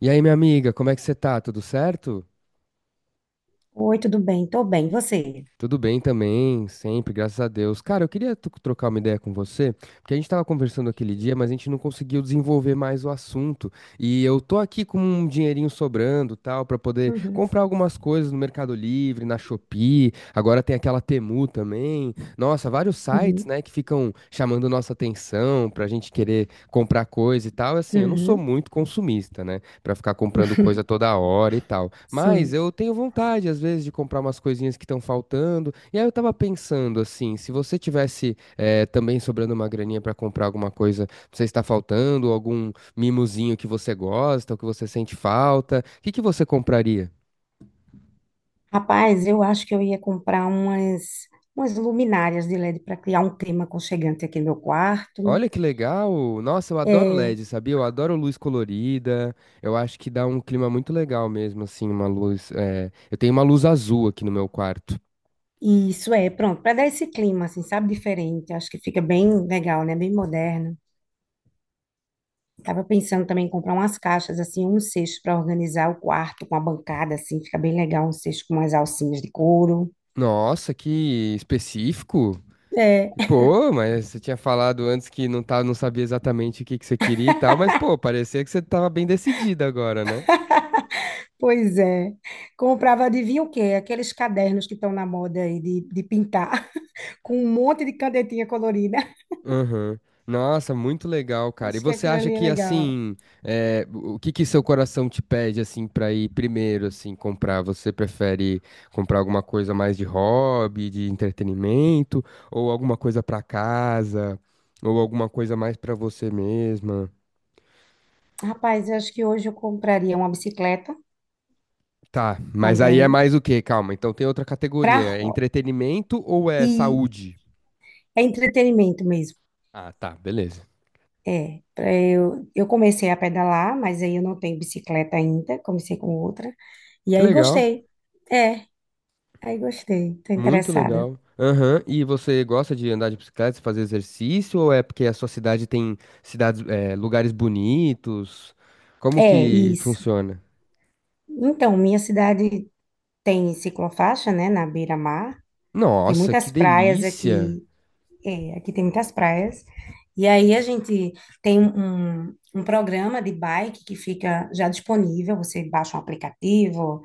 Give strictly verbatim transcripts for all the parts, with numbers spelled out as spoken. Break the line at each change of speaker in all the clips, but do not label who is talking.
E aí, minha amiga, como é que você tá? Tudo certo?
Oi, tudo bem? Tô bem, e você?
Tudo bem também, sempre, graças a Deus. Cara, eu queria to- trocar uma ideia com você, porque a gente tava conversando aquele dia, mas a gente não conseguiu desenvolver mais o assunto. E eu tô aqui com um dinheirinho sobrando, tal, pra poder
Uhum,
comprar algumas coisas no Mercado Livre, na Shopee. Agora tem aquela Temu também. Nossa, vários sites,
uhum,
né, que ficam chamando nossa atenção pra gente querer comprar coisa e tal. Assim, eu não sou
uhum,
muito consumista, né? Pra ficar comprando coisa toda hora e tal. Mas
sim.
eu tenho vontade, às vezes, de comprar umas coisinhas que estão faltando. E aí eu tava pensando, assim, se você tivesse eh, também sobrando uma graninha pra comprar alguma coisa que você está faltando, algum mimozinho que você gosta, ou que você sente falta, o que que você compraria?
Rapaz, eu acho que eu ia comprar umas, umas luminárias de L E D para criar um clima aconchegante aqui no meu quarto.
Olha que legal! Nossa, eu adoro
É,
L E D, sabia? Eu adoro luz colorida. Eu acho que dá um clima muito legal mesmo, assim, uma luz. eh, Eu tenho uma luz azul aqui no meu quarto.
e isso é, pronto, para dar esse clima, assim, sabe, diferente. Acho que fica bem legal, né? Bem moderno. Tava pensando também em comprar umas caixas, assim, um cesto para organizar o quarto com a bancada, assim, fica bem legal, um cesto com umas alcinhas de couro.
Nossa, que específico! Pô, mas você tinha falado antes que não tá, não sabia exatamente o que que você queria e tal, mas pô, parecia que você tava bem decidida agora, né?
Pois é. Comprava, adivinha o quê? Aqueles cadernos que estão na moda aí de, de pintar, com um monte de canetinha colorida.
Aham. Nossa, muito legal, cara. E
Acho que
você
aquilo
acha
ali é
que
legal.
assim, é, o que que seu coração te pede assim pra ir primeiro assim comprar? Você prefere comprar alguma coisa mais de hobby, de entretenimento, ou alguma coisa pra casa, ou alguma coisa mais pra você mesma?
Rapaz, eu acho que hoje eu compraria uma bicicleta
Tá, mas aí é
também
mais o quê? Calma, então tem outra
para
categoria. É
roda.
entretenimento ou é
E
saúde?
é entretenimento mesmo.
Ah, tá, beleza.
É, pra eu, eu comecei a pedalar, mas aí eu não tenho bicicleta ainda, comecei com outra. E
Que
aí
legal,
gostei. É, aí gostei. Tô
muito
interessada.
legal. Aham, e você gosta de andar de bicicleta, fazer exercício, ou é porque a sua cidade tem cidades, é, lugares bonitos? Como
É,
que
isso.
funciona?
Então, minha cidade tem ciclofaixa, né, na beira-mar. Tem
Nossa, que
muitas praias
delícia!
aqui, é, aqui tem muitas praias. E aí a gente tem um, um programa de bike que fica já disponível, você baixa um aplicativo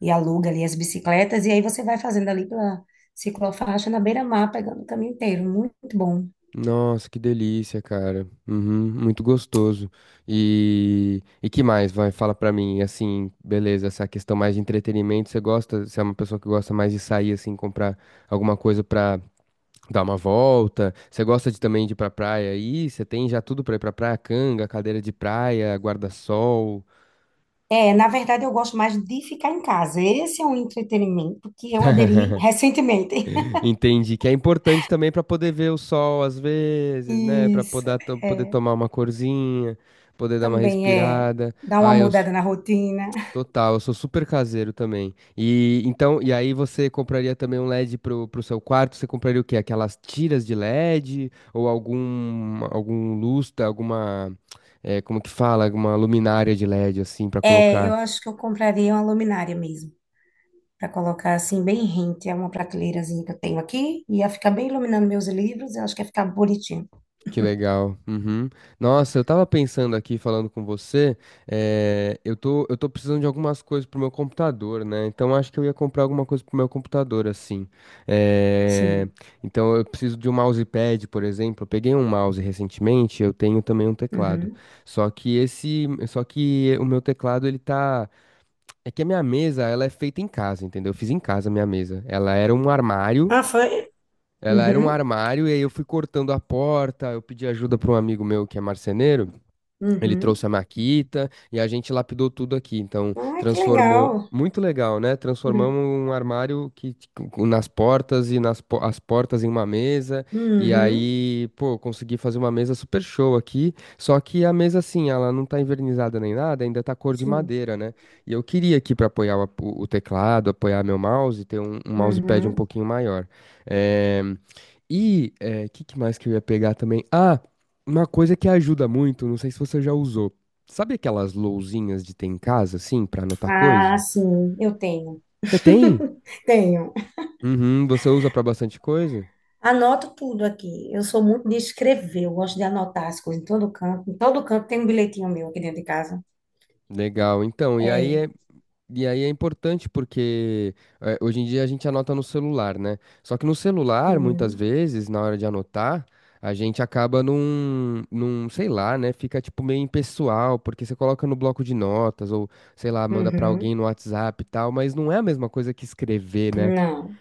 e aluga ali as bicicletas, e aí você vai fazendo ali pela ciclofaixa na beira-mar, pegando o caminho inteiro, muito bom.
Nossa, que delícia, cara. Uhum, muito gostoso. E, e que mais, vai? Fala pra mim, assim, beleza, essa questão mais de entretenimento, você gosta, você é uma pessoa que gosta mais de sair, assim, comprar alguma coisa pra dar uma volta? Você gosta de também de ir pra praia aí? Você tem já tudo pra ir pra praia? Canga, cadeira de praia, guarda-sol.
É, na verdade eu gosto mais de ficar em casa, esse é um entretenimento que eu aderi recentemente.
Entendi, que é importante também pra poder ver o sol às vezes, né? Pra
Isso,
poder, poder
é,
tomar uma corzinha, poder dar uma
também é
respirada.
dar uma
Ah, eu,
mudada na rotina.
Total, eu sou super caseiro também. E então, e aí você compraria também um léd pro, pro seu quarto? Você compraria o quê? Aquelas tiras de léd ou algum algum lustre, alguma é, como que fala, alguma luminária de L E D assim pra
É,
colocar?
eu acho que eu compraria uma luminária mesmo, para colocar assim bem rente, é uma prateleirazinha que eu tenho aqui, e ia ficar bem iluminando meus livros, eu acho que ia ficar bonitinho.
Que legal. Uhum. Nossa, eu tava pensando aqui, falando com você, eh, eu tô, eu tô precisando de algumas coisas pro meu computador, né? Então acho que eu ia comprar alguma coisa pro meu computador, assim. Eh,
Sim.
Então eu preciso de um mousepad, por exemplo. Eu peguei um mouse recentemente, eu tenho também um teclado.
Uhum.
Só que esse, só que o meu teclado, ele tá. É que a minha mesa, ela é feita em casa, entendeu? Eu fiz em casa a minha mesa. Ela era um armário.
Ah, foi?
Ela era um
Uhum.
armário e aí eu fui cortando a porta, eu pedi ajuda para um amigo meu que é marceneiro. Ele
Uhum.
trouxe a Maquita e a gente lapidou tudo aqui. Então,
Ah, que
transformou.
legal.
Muito legal, né?
Uhum.
Transformamos um armário que com- nas portas e nas po- as portas em uma mesa. E
Uhum.
aí, pô, consegui fazer uma mesa super show aqui. Só que a mesa, assim, ela não tá envernizada nem nada, ainda tá cor de
Sim.
madeira, né? E eu queria aqui para apoiar o, ap- o teclado, apoiar meu mouse, ter um, um mousepad um
Uhum.
pouquinho maior. É... E o que, que mais que eu ia pegar também? Ah! Uma coisa que ajuda muito, não sei se você já usou. Sabe aquelas lousinhas de ter em casa, assim, pra anotar
Ah,
coisa?
sim, eu tenho.
Você tem?
Tenho.
Uhum, você usa pra bastante coisa?
Anoto tudo aqui. Eu sou muito de escrever, eu gosto de anotar as coisas em todo canto. Em todo canto tem um bilhetinho meu aqui dentro de casa.
Legal, então, e aí
É.
é, e aí é importante porque eh, hoje em dia a gente anota no celular, né? Só que no celular, muitas
Uhum.
vezes, na hora de anotar, a gente acaba num, num, sei lá, né? Fica tipo meio impessoal, porque você coloca no bloco de notas ou, sei lá, manda pra alguém
Uhum.
no WhatsApp e tal, mas não é a mesma coisa que escrever, né?
Não.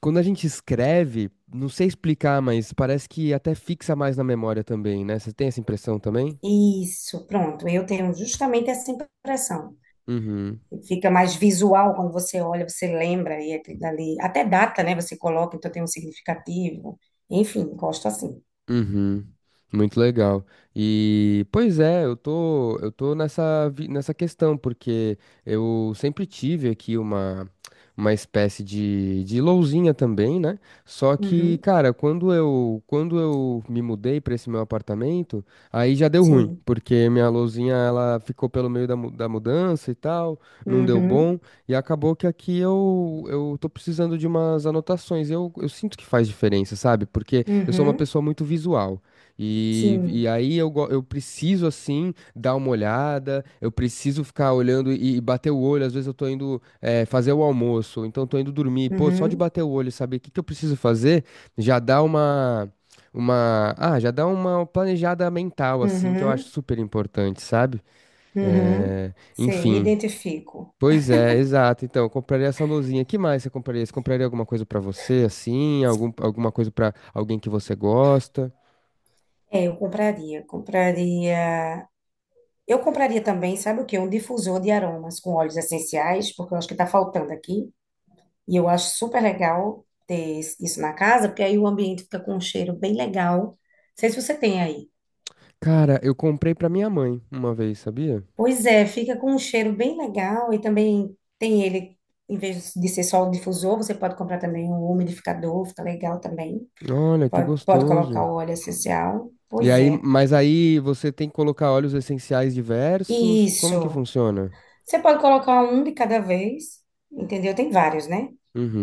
Quando a gente escreve, não sei explicar, mas parece que até fixa mais na memória também, né? Você tem essa impressão também?
Isso, pronto. Eu tenho justamente essa impressão.
Uhum.
Fica mais visual quando você olha, você lembra e aquilo dali. Até data, né? Você coloca, então tem um significativo. Enfim, gosto assim.
Uhum, muito legal. E, pois é, eu tô, eu tô nessa, vi- nessa questão, porque eu sempre tive aqui uma, uma espécie de, de lousinha também, né? Só que,
Uhum,
cara, quando eu, quando eu me mudei para esse meu apartamento, aí já deu ruim,
sim.
porque minha lousinha, ela ficou pelo meio da, mu- da mudança e tal, não deu
Uhum,
bom, e acabou que aqui eu, eu tô precisando de umas anotações. Eu, eu sinto que faz diferença, sabe? Porque eu sou uma
uhum,
pessoa muito visual. E,
sim.
e aí eu, go- eu preciso, assim, dar uma olhada, eu preciso ficar olhando e, e bater o olho. Às vezes eu tô indo eh, fazer o almoço, ou então tô indo dormir. Pô, só de
Uhum,
bater o olho, saber o que que eu preciso fazer, já dá uma, uma, ah, já dá uma planejada mental, assim, que eu acho
uhum,
super importante, sabe?
uhum.
Eh,
Sei, me
enfim.
identifico.
Pois é, exato. Então, eu compraria essa luzinha. Que mais você compraria? Você compraria alguma coisa pra você, assim? Algum, alguma coisa pra alguém que você gosta?
É, eu compraria, compraria. Eu compraria também, sabe o quê? Um difusor de aromas com óleos essenciais, porque eu acho que está faltando aqui. E eu acho super legal ter isso na casa, porque aí o ambiente fica com um cheiro bem legal. Não sei se você tem aí.
Cara, eu comprei pra minha mãe uma vez, sabia?
Pois é, fica com um cheiro bem legal e também tem ele, em vez de ser só o difusor, você pode comprar também um umidificador, fica legal também.
Olha, que
Pode, pode colocar
gostoso.
o óleo essencial.
E
Pois
aí,
é.
mas aí você tem que colocar óleos essenciais diversos. Como que
Isso.
funciona?
Você pode colocar um de cada vez, entendeu? Tem vários, né?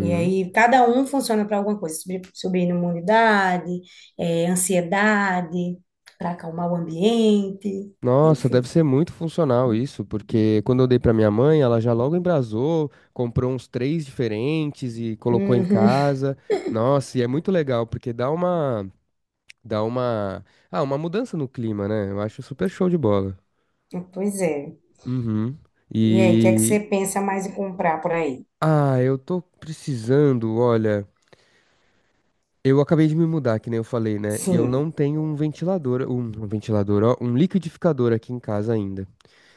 E aí, cada um funciona para alguma coisa, subir, subir imunidade, eh, ansiedade, para acalmar o ambiente,
Nossa, deve
enfim.
ser muito funcional isso, porque quando eu dei pra minha mãe, ela já logo embrasou, comprou uns três diferentes e colocou em
Uhum.
casa. Nossa, e é muito legal, porque dá uma, dá uma, ah, uma mudança no clima, né? Eu acho super show de bola.
Pois é.
Uhum.
E aí, o que é que
E,
você pensa mais em comprar por aí?
ah, eu tô precisando, olha, eu acabei de me mudar, que nem eu falei, né? E eu
Sim,
não tenho um ventilador, um, um ventilador, ó, um liquidificador aqui em casa ainda.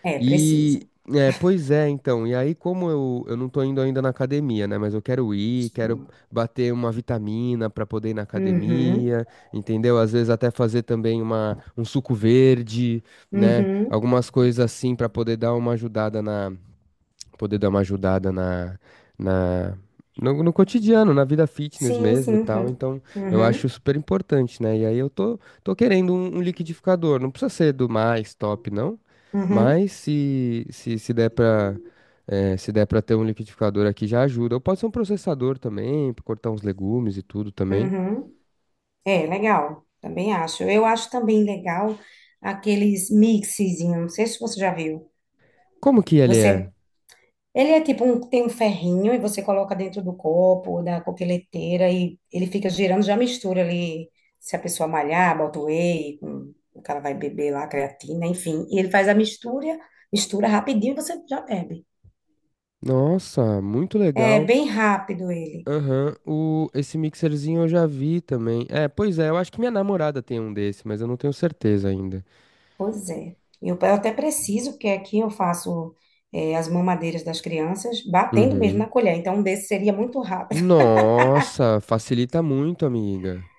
é, precisa.
E, é, pois é, então, e aí como eu, eu não tô indo ainda na academia, né? Mas eu quero ir, quero bater uma vitamina pra poder ir na
Uhum,
academia, entendeu? Às vezes até fazer também uma, um suco verde, né?
uhum.
Algumas coisas assim pra poder dar uma ajudada poder dar uma ajudada na, na no, no cotidiano, na vida fitness
Sim,
mesmo e
sim,
tal.
sim.
Então, eu acho
Uhum,
super importante, né? E aí eu tô, tô querendo um, um liquidificador. Não precisa ser do mais top, não.
uhum,
Mas se, se, se der pra, eh, se der pra ter um liquidificador aqui, já ajuda. Ou pode ser um processador também, pra cortar uns legumes e tudo também.
uhum. É, legal. Também acho. Eu acho também legal aqueles mixezinhos. Não sei se você já viu.
Como que ele é?
Você, ele é tipo um, tem um ferrinho e você coloca dentro do copo, da coqueleteira e ele fica girando, já mistura ali. Se a pessoa malhar, bota o whey, com, o cara vai beber lá, creatina, enfim. E ele faz a mistura, mistura rapidinho e você já bebe.
Nossa, muito
É
legal.
bem rápido ele.
Aham, o, esse mixerzinho eu já vi também. É, pois é, eu acho que minha namorada tem um desse, mas eu não tenho certeza ainda.
Pois é. Eu, eu até preciso, porque aqui eu faço eh, as mamadeiras das crianças batendo mesmo
Uhum.
na colher. Então, um desse seria muito rápido.
Nossa, facilita muito, amiga.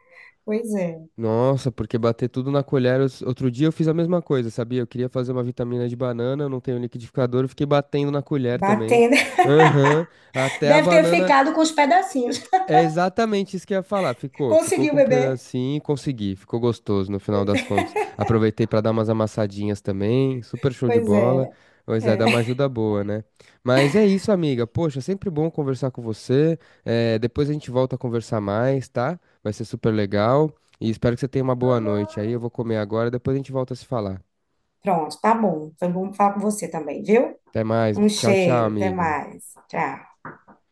Pois é.
Nossa, porque bater tudo na colher. os- Outro dia eu fiz a mesma coisa, sabia? Eu queria fazer uma vitamina de banana, eu não tenho liquidificador, eu fiquei batendo na colher também.
Batendo.
Aham, até a
Deve ter
banana.
ficado com os pedacinhos.
É exatamente isso que eu ia falar. Ficou, ficou
Conseguiu,
com um
bebê?
pedacinho, consegui, ficou gostoso no final das contas. Aproveitei pra dar umas amassadinhas também, super show de
Pois
bola.
é.
Pois é, dá uma
É.
ajuda boa, né? Mas é isso, amiga. Poxa, sempre bom conversar com você. É, depois a gente volta a conversar mais, tá? Vai ser super legal. E espero que você tenha uma boa noite. Aí eu vou comer agora, depois a gente volta a se falar.
Pronto, tá bom. Então, vamos falar com você também, viu?
Até mais.
Um
Tchau, tchau,
cheiro. Até
amiga.
mais. Tchau.